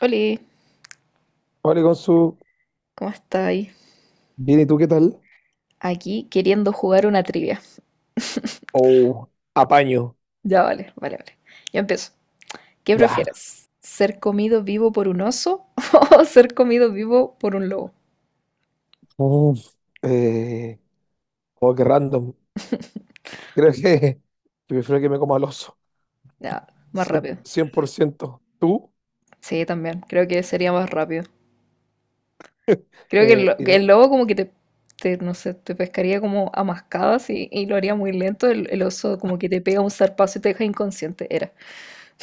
Hola, Hola, Consu. ¿cómo estáis? Bien, ¿y tú qué tal? Aquí queriendo jugar una trivia. Oh, apaño. Ya, vale, vale, vale. Yo empiezo. ¿Qué Ya. prefieres? ¿Ser comido vivo por un oso o ser comido vivo por un lobo? Uf, eh, oh, qué random. Creo que, que prefiero que me coma el oso. Ya, más cien rápido. cien por ciento? Tú, Sí, también. Creo que sería más rápido. Creo que eh, y no- el lobo como que te, no sé, te pescaría como a mascadas y lo haría muy lento. El oso como que te pega un zarpazo y te deja inconsciente. Era.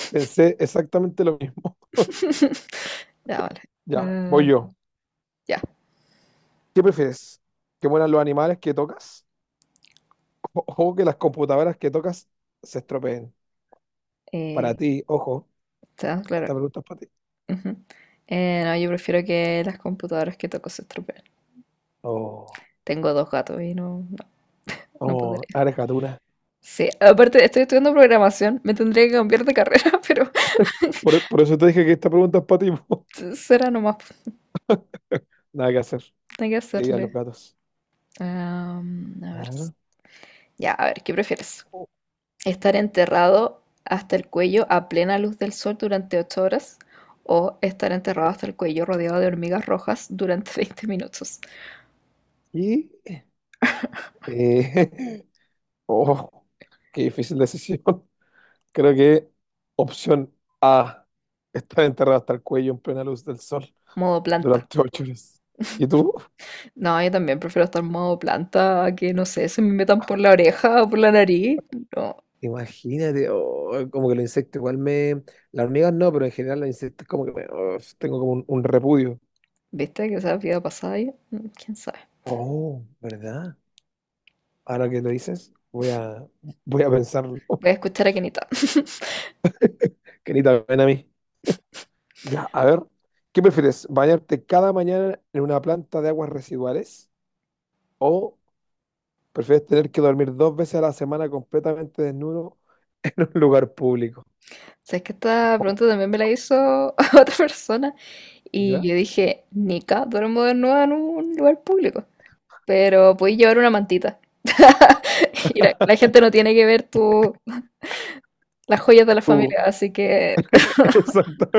pensé exactamente lo mismo. Ya, vale. Ya, Ah, voy yo. ya. ¿Qué prefieres? ¿Que mueran los animales que tocas? ¿O, o que las computadoras que tocas se estropeen? Para Eh, ti, ojo, Está claro. esta pregunta es para ti. Ujú. No, yo prefiero que las computadoras que toco se estropeen. Oh, Tengo dos gatos y no, no, no oh, podría. eres gatuna. Sí, aparte estoy estudiando programación, me tendría que cambiar de carrera, pero Por eso te dije que esta pregunta es para ti. Po. será nomás, Nada que hacer. hay que Que digan los hacerle. gatos. A ver, Claro. ya, a ver, ¿qué prefieres? ¿Estar enterrado hasta el cuello a plena luz del sol durante 8 horas o estar enterrado hasta el cuello rodeado de hormigas rojas durante 20 minutos? Y, eh, oh, qué difícil decisión. Creo que opción A, estar enterrado hasta el cuello en plena luz del sol Modo planta. durante 8 horas. ¿Y tú? No, yo también prefiero estar modo planta a que, no sé, se me metan por la oreja o por la nariz. No, Imagínate, oh, como que los insectos igual me... Las hormigas no, pero en general los insectos como que oh, tengo como un repudio. ¿viste? Que esa vida pasada ahí. Mm, ¿quién sabe? Oh, ¿verdad? Ahora que lo dices, voy a pensarlo. Voy a escuchar a Kenita. Que ni también a mí. Ya, a ver, ¿qué prefieres? ¿Bañarte cada mañana en una planta de aguas residuales? ¿O prefieres tener que dormir dos veces a la semana completamente desnudo en un lugar público? Sabes que esta pregunta también me la hizo otra persona y ¿Ya? yo dije, Nica, duermo desnuda en un lugar público, pero puedes llevar una mantita. Y la gente no tiene que ver tu, las joyas de la Tú, familia, así que exacto.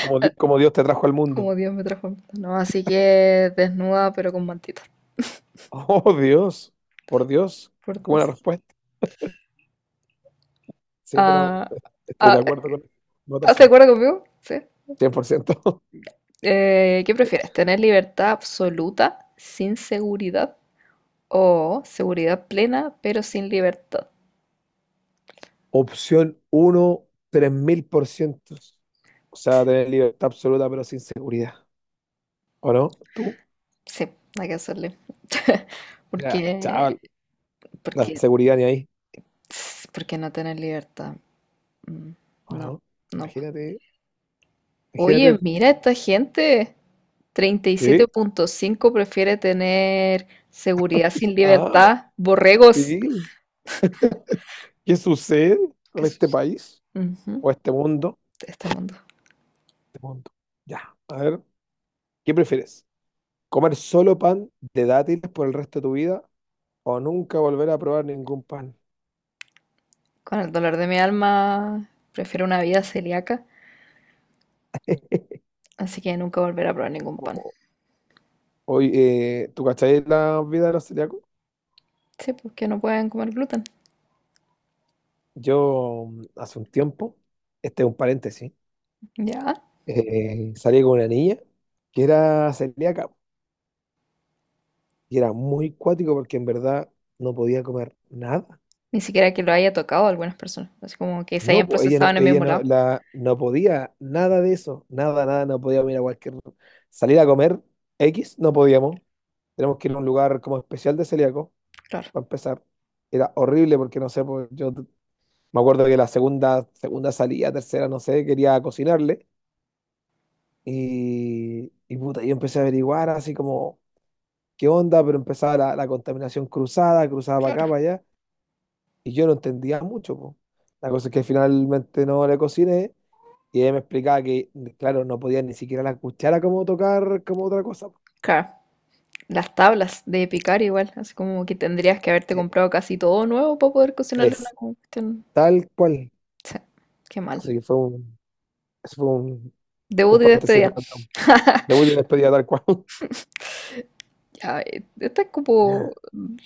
Como, como Dios te trajo al mundo. como Dios me transforma. No, así que desnuda pero con mantita, Oh, Dios, por Dios, por qué buena Dios. respuesta. Sí, pero Ah, estoy ah, de acuerdo con la ¿estás de votación. acuerdo conmigo? Sí. Cien por ciento. ¿Qué prefieres? ¿Tener libertad absoluta sin seguridad o seguridad plena pero sin libertad? Opción uno 3.000 por 3000%. O sea, tener libertad absoluta, pero sin seguridad. ¿O no? ¿Tú? Sí, hay que hacerle. O sea, Porque, chaval, la porque, seguridad ni ahí. porque no tener libertad. Mm, Ah, no, no, no. Imagínate, Oye, imagínate mira esta gente. Treinta y que, siete punto cinco prefiere tener seguridad sin ah, libertad. Borregos. sí, ¿qué sucede con Qué este sucio. país Ujú, o este mundo? de este mundo. Este mundo. Ya, a ver, ¿qué prefieres? ¿Comer solo pan de dátiles por el resto de tu vida o nunca volver a probar ningún pan? Con el dolor de mi alma, prefiero una vida celíaca, así que nunca volveré a probar ningún pan. O- Hoy, ¿tú cacháis la vida de los celíacos? Sí, porque no pueden comer gluten. Yo hace un tiempo, este es un paréntesis, Ya. Salí con una niña que era celíaca. Y era muy cuático porque en verdad no podía comer nada. Ni siquiera que lo haya tocado a algunas personas. Así como que se No, hayan ella procesado no, en el ella mismo no, lado. la, no podía nada de eso. Nada, nada, no podíamos ir a cualquier... Salir a comer X, no podíamos. Tenemos que ir a un lugar como especial de celíaco, Claro, para empezar. Era horrible porque, no sé, pues, me acuerdo que la segunda salida, tercera, no sé, quería cocinarle. Y puta, yo empecé a averiguar así como, ¿qué onda? Pero empezaba la contaminación cruzada para acá, claro. para allá. Y yo no entendía mucho, po. La cosa es que finalmente no le cociné y ella me explicaba que, claro, no podía ni siquiera la cuchara como tocar como otra cosa. Po. Claro. Las tablas de picar igual. Así como que tendrías que haberte Eh, comprado casi todo nuevo para poder cocinarle una Es cuestión. tal cual. Sí, qué mal. Así que eso fue un Debut y paréntesis despedida. random. Debut y despedida tal cual. Ya, esta es Ya. como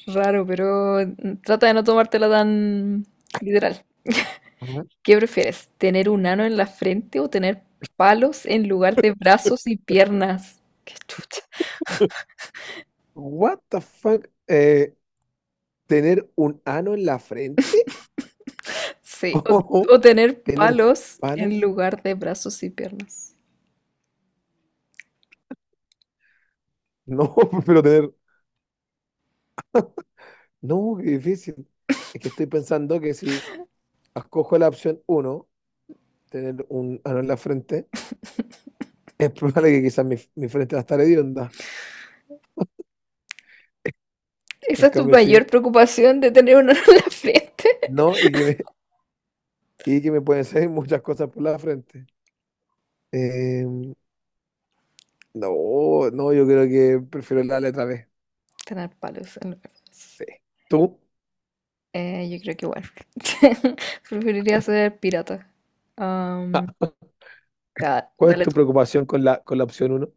raro, pero trata de no tomártela tan literal. Ajá. ¿Qué prefieres? ¿Tener un ano en la frente o tener palos en lugar de brazos y piernas? Qué chucha. What the fuck? ¿Tener un ano en la frente? Sí, o, ¿O o tener ¿Tener palos en palos? lugar de brazos y piernas. No, pero tener... No, qué difícil. Es que estoy pensando que si escojo la opción uno tener un ano en la frente, es probable que quizás mi frente va a estar hedionda. ¿Esa En es tu cambio, si mayor preocupación de tener un ano en la frente? no, y que me, y que me pueden salir muchas cosas por la frente. Eh, no, no, yo creo que prefiero la letra B. Tener palos en lugar de brazos. Sí. ¿Tú? Yo creo que igual. Preferiría ser pirata. Ah, Am, ya, ¿cuál es dale tu tú. preocupación con la opción 1?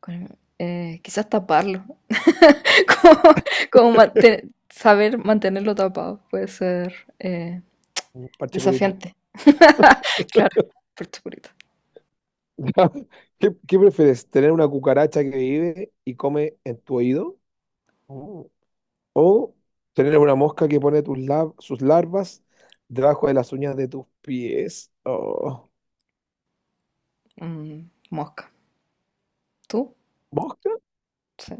Quizás taparlo. Como, como saber mantenerlo tapado puede ser eh, Parche curita. desafiante. Claro, por supuesto. ¿Qué prefieres? ¿Tener una cucaracha que vive y come en tu oído? Mm. ¿O tener una mosca que pone sus larvas debajo de las uñas de tus pies? Oh. Mm, mosca. ¿Tú? ¿Mosca? Sí.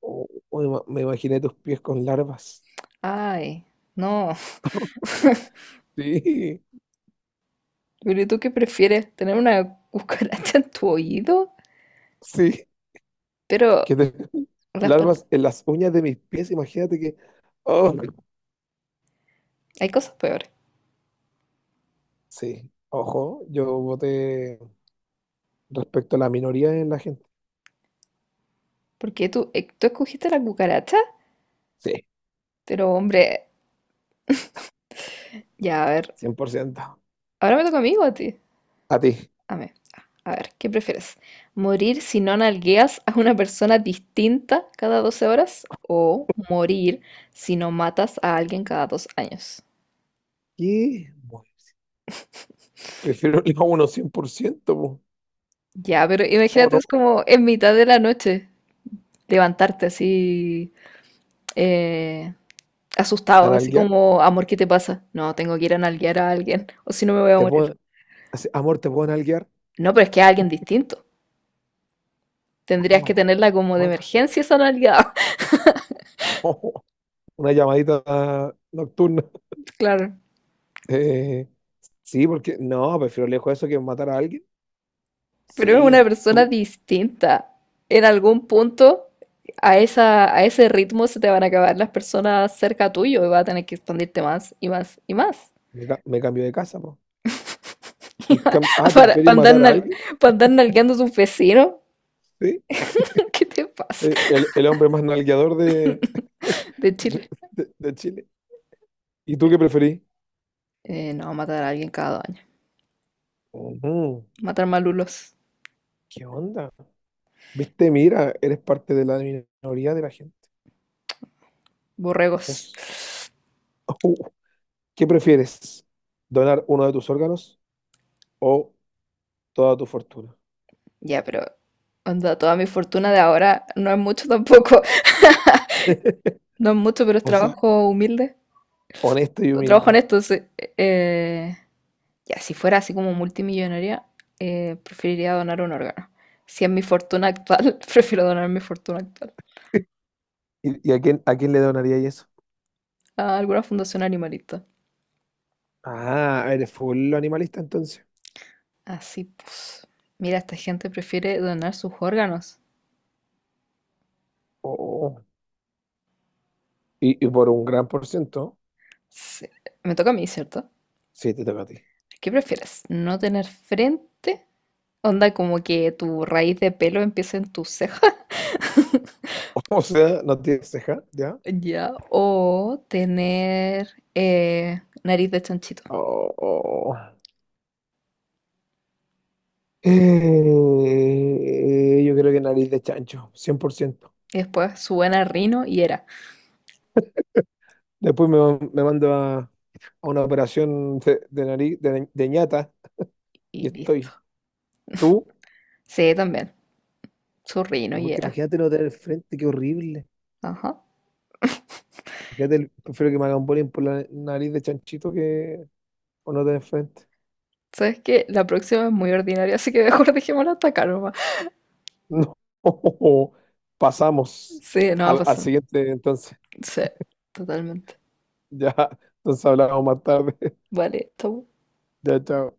Me imaginé tus pies con larvas. Ay, no. Sí, Pero ¿y tú qué prefieres? ¿Tener una cucaracha en tu oído? sí, Pero que te- las pat- larvas en las uñas de mis pies, imagínate que... Oh, hay cosas peores. sí, ojo, yo voté respecto a la minoría en la gente. Porque tú escogiste la cucaracha, Sí, pero hombre, ya a ver. cien por ciento. Ahora me toca a mí o a ti. A ti. Amén. A ver, ¿qué prefieres? ¿Morir si no nalgueas a una persona distinta cada 12 horas? ¿O morir si no matas a alguien cada 2 años? ¿Qué? Bueno, prefiero el a uno 100% po. Ya, pero ¿Cómo imagínate, no? es como en mitad de la noche levantarte así eh, asustado, así ¿Analguear? como, amor, ¿qué te pasa? No, tengo que ir a nalguear a alguien, o si no me voy a ¿Te morir. puedo... así, amor, ¿te puedo analguear? No, pero es que a alguien distinto. Tendrías que Ah, tenerla como de fuck. emergencia esa nalgueada. Una llamadita nocturna. Claro. Eh, Sí, porque no, prefiero lejos eso que matar a alguien. Pero es una Sí, persona tú, distinta. En algún punto, a ese ritmo se te van a acabar las personas cerca tuyo y vas a tener que expandirte más y más y más. Me cambio de casa, po. ¿Tú Para, para prefieres andar, matar a nal- alguien? para andar nalgueando a tus vecinos. Sí, ¿Qué te pasa? sí, el hombre más nalgueador de, De de, Chile. De Chile. ¿Y tú qué preferís? No, matar a alguien cada 2 años. Ujú, Matar malulos, ¿qué onda? Viste, mira, eres parte de la minoría de la gente. borregos. Dios. Uh, ¿Qué prefieres? ¿Donar uno de tus órganos o toda tu fortuna? Ya, pero onda, toda mi fortuna de ahora no es mucho tampoco. No es mucho, pero es O sea, trabajo humilde. honesto y Trabajo humilde. honesto, sí. Eh, Ya, si fuera así como multimillonaria, preferiría donar un órgano. Si es mi fortuna actual, prefiero donar mi fortuna actual ¿Y a quién le donaría eso? a alguna fundación animalista. Ah, eres full animalista entonces. Así pues. Mira, esta gente prefiere donar sus órganos. Oh, y por un gran por ciento, Sí. Me toca a mí, ¿cierto? sí, te toca a ti. ¿Qué prefieres? ¿No tener frente? Onda como que tu raíz de pelo empiece en tu ceja. O sea, no tienes ceja, ¿ya? Ya. O tener nariz de chanchito. Oh, oh. Yo creo que nariz de chancho, 100%. Y después su buena rino y era. Después me mando a una operación de nariz, de ñata, Y y listo. estoy. ¿Tú? Sí, también. Su rino No, y porque era. imagínate no tener frente, qué horrible. Ajá. Imagínate, prefiero que me hagan bullying por la nariz de chanchito que o no tener frente. ¿Sabes que la próxima es muy ordinaria, así que mejor dejémosla hasta acá nomás. No, pasamos Sí, no va a al pasar. siguiente entonces. Sí, totalmente. Ya, entonces hablamos más tarde. Vale, chau. Ya, chao.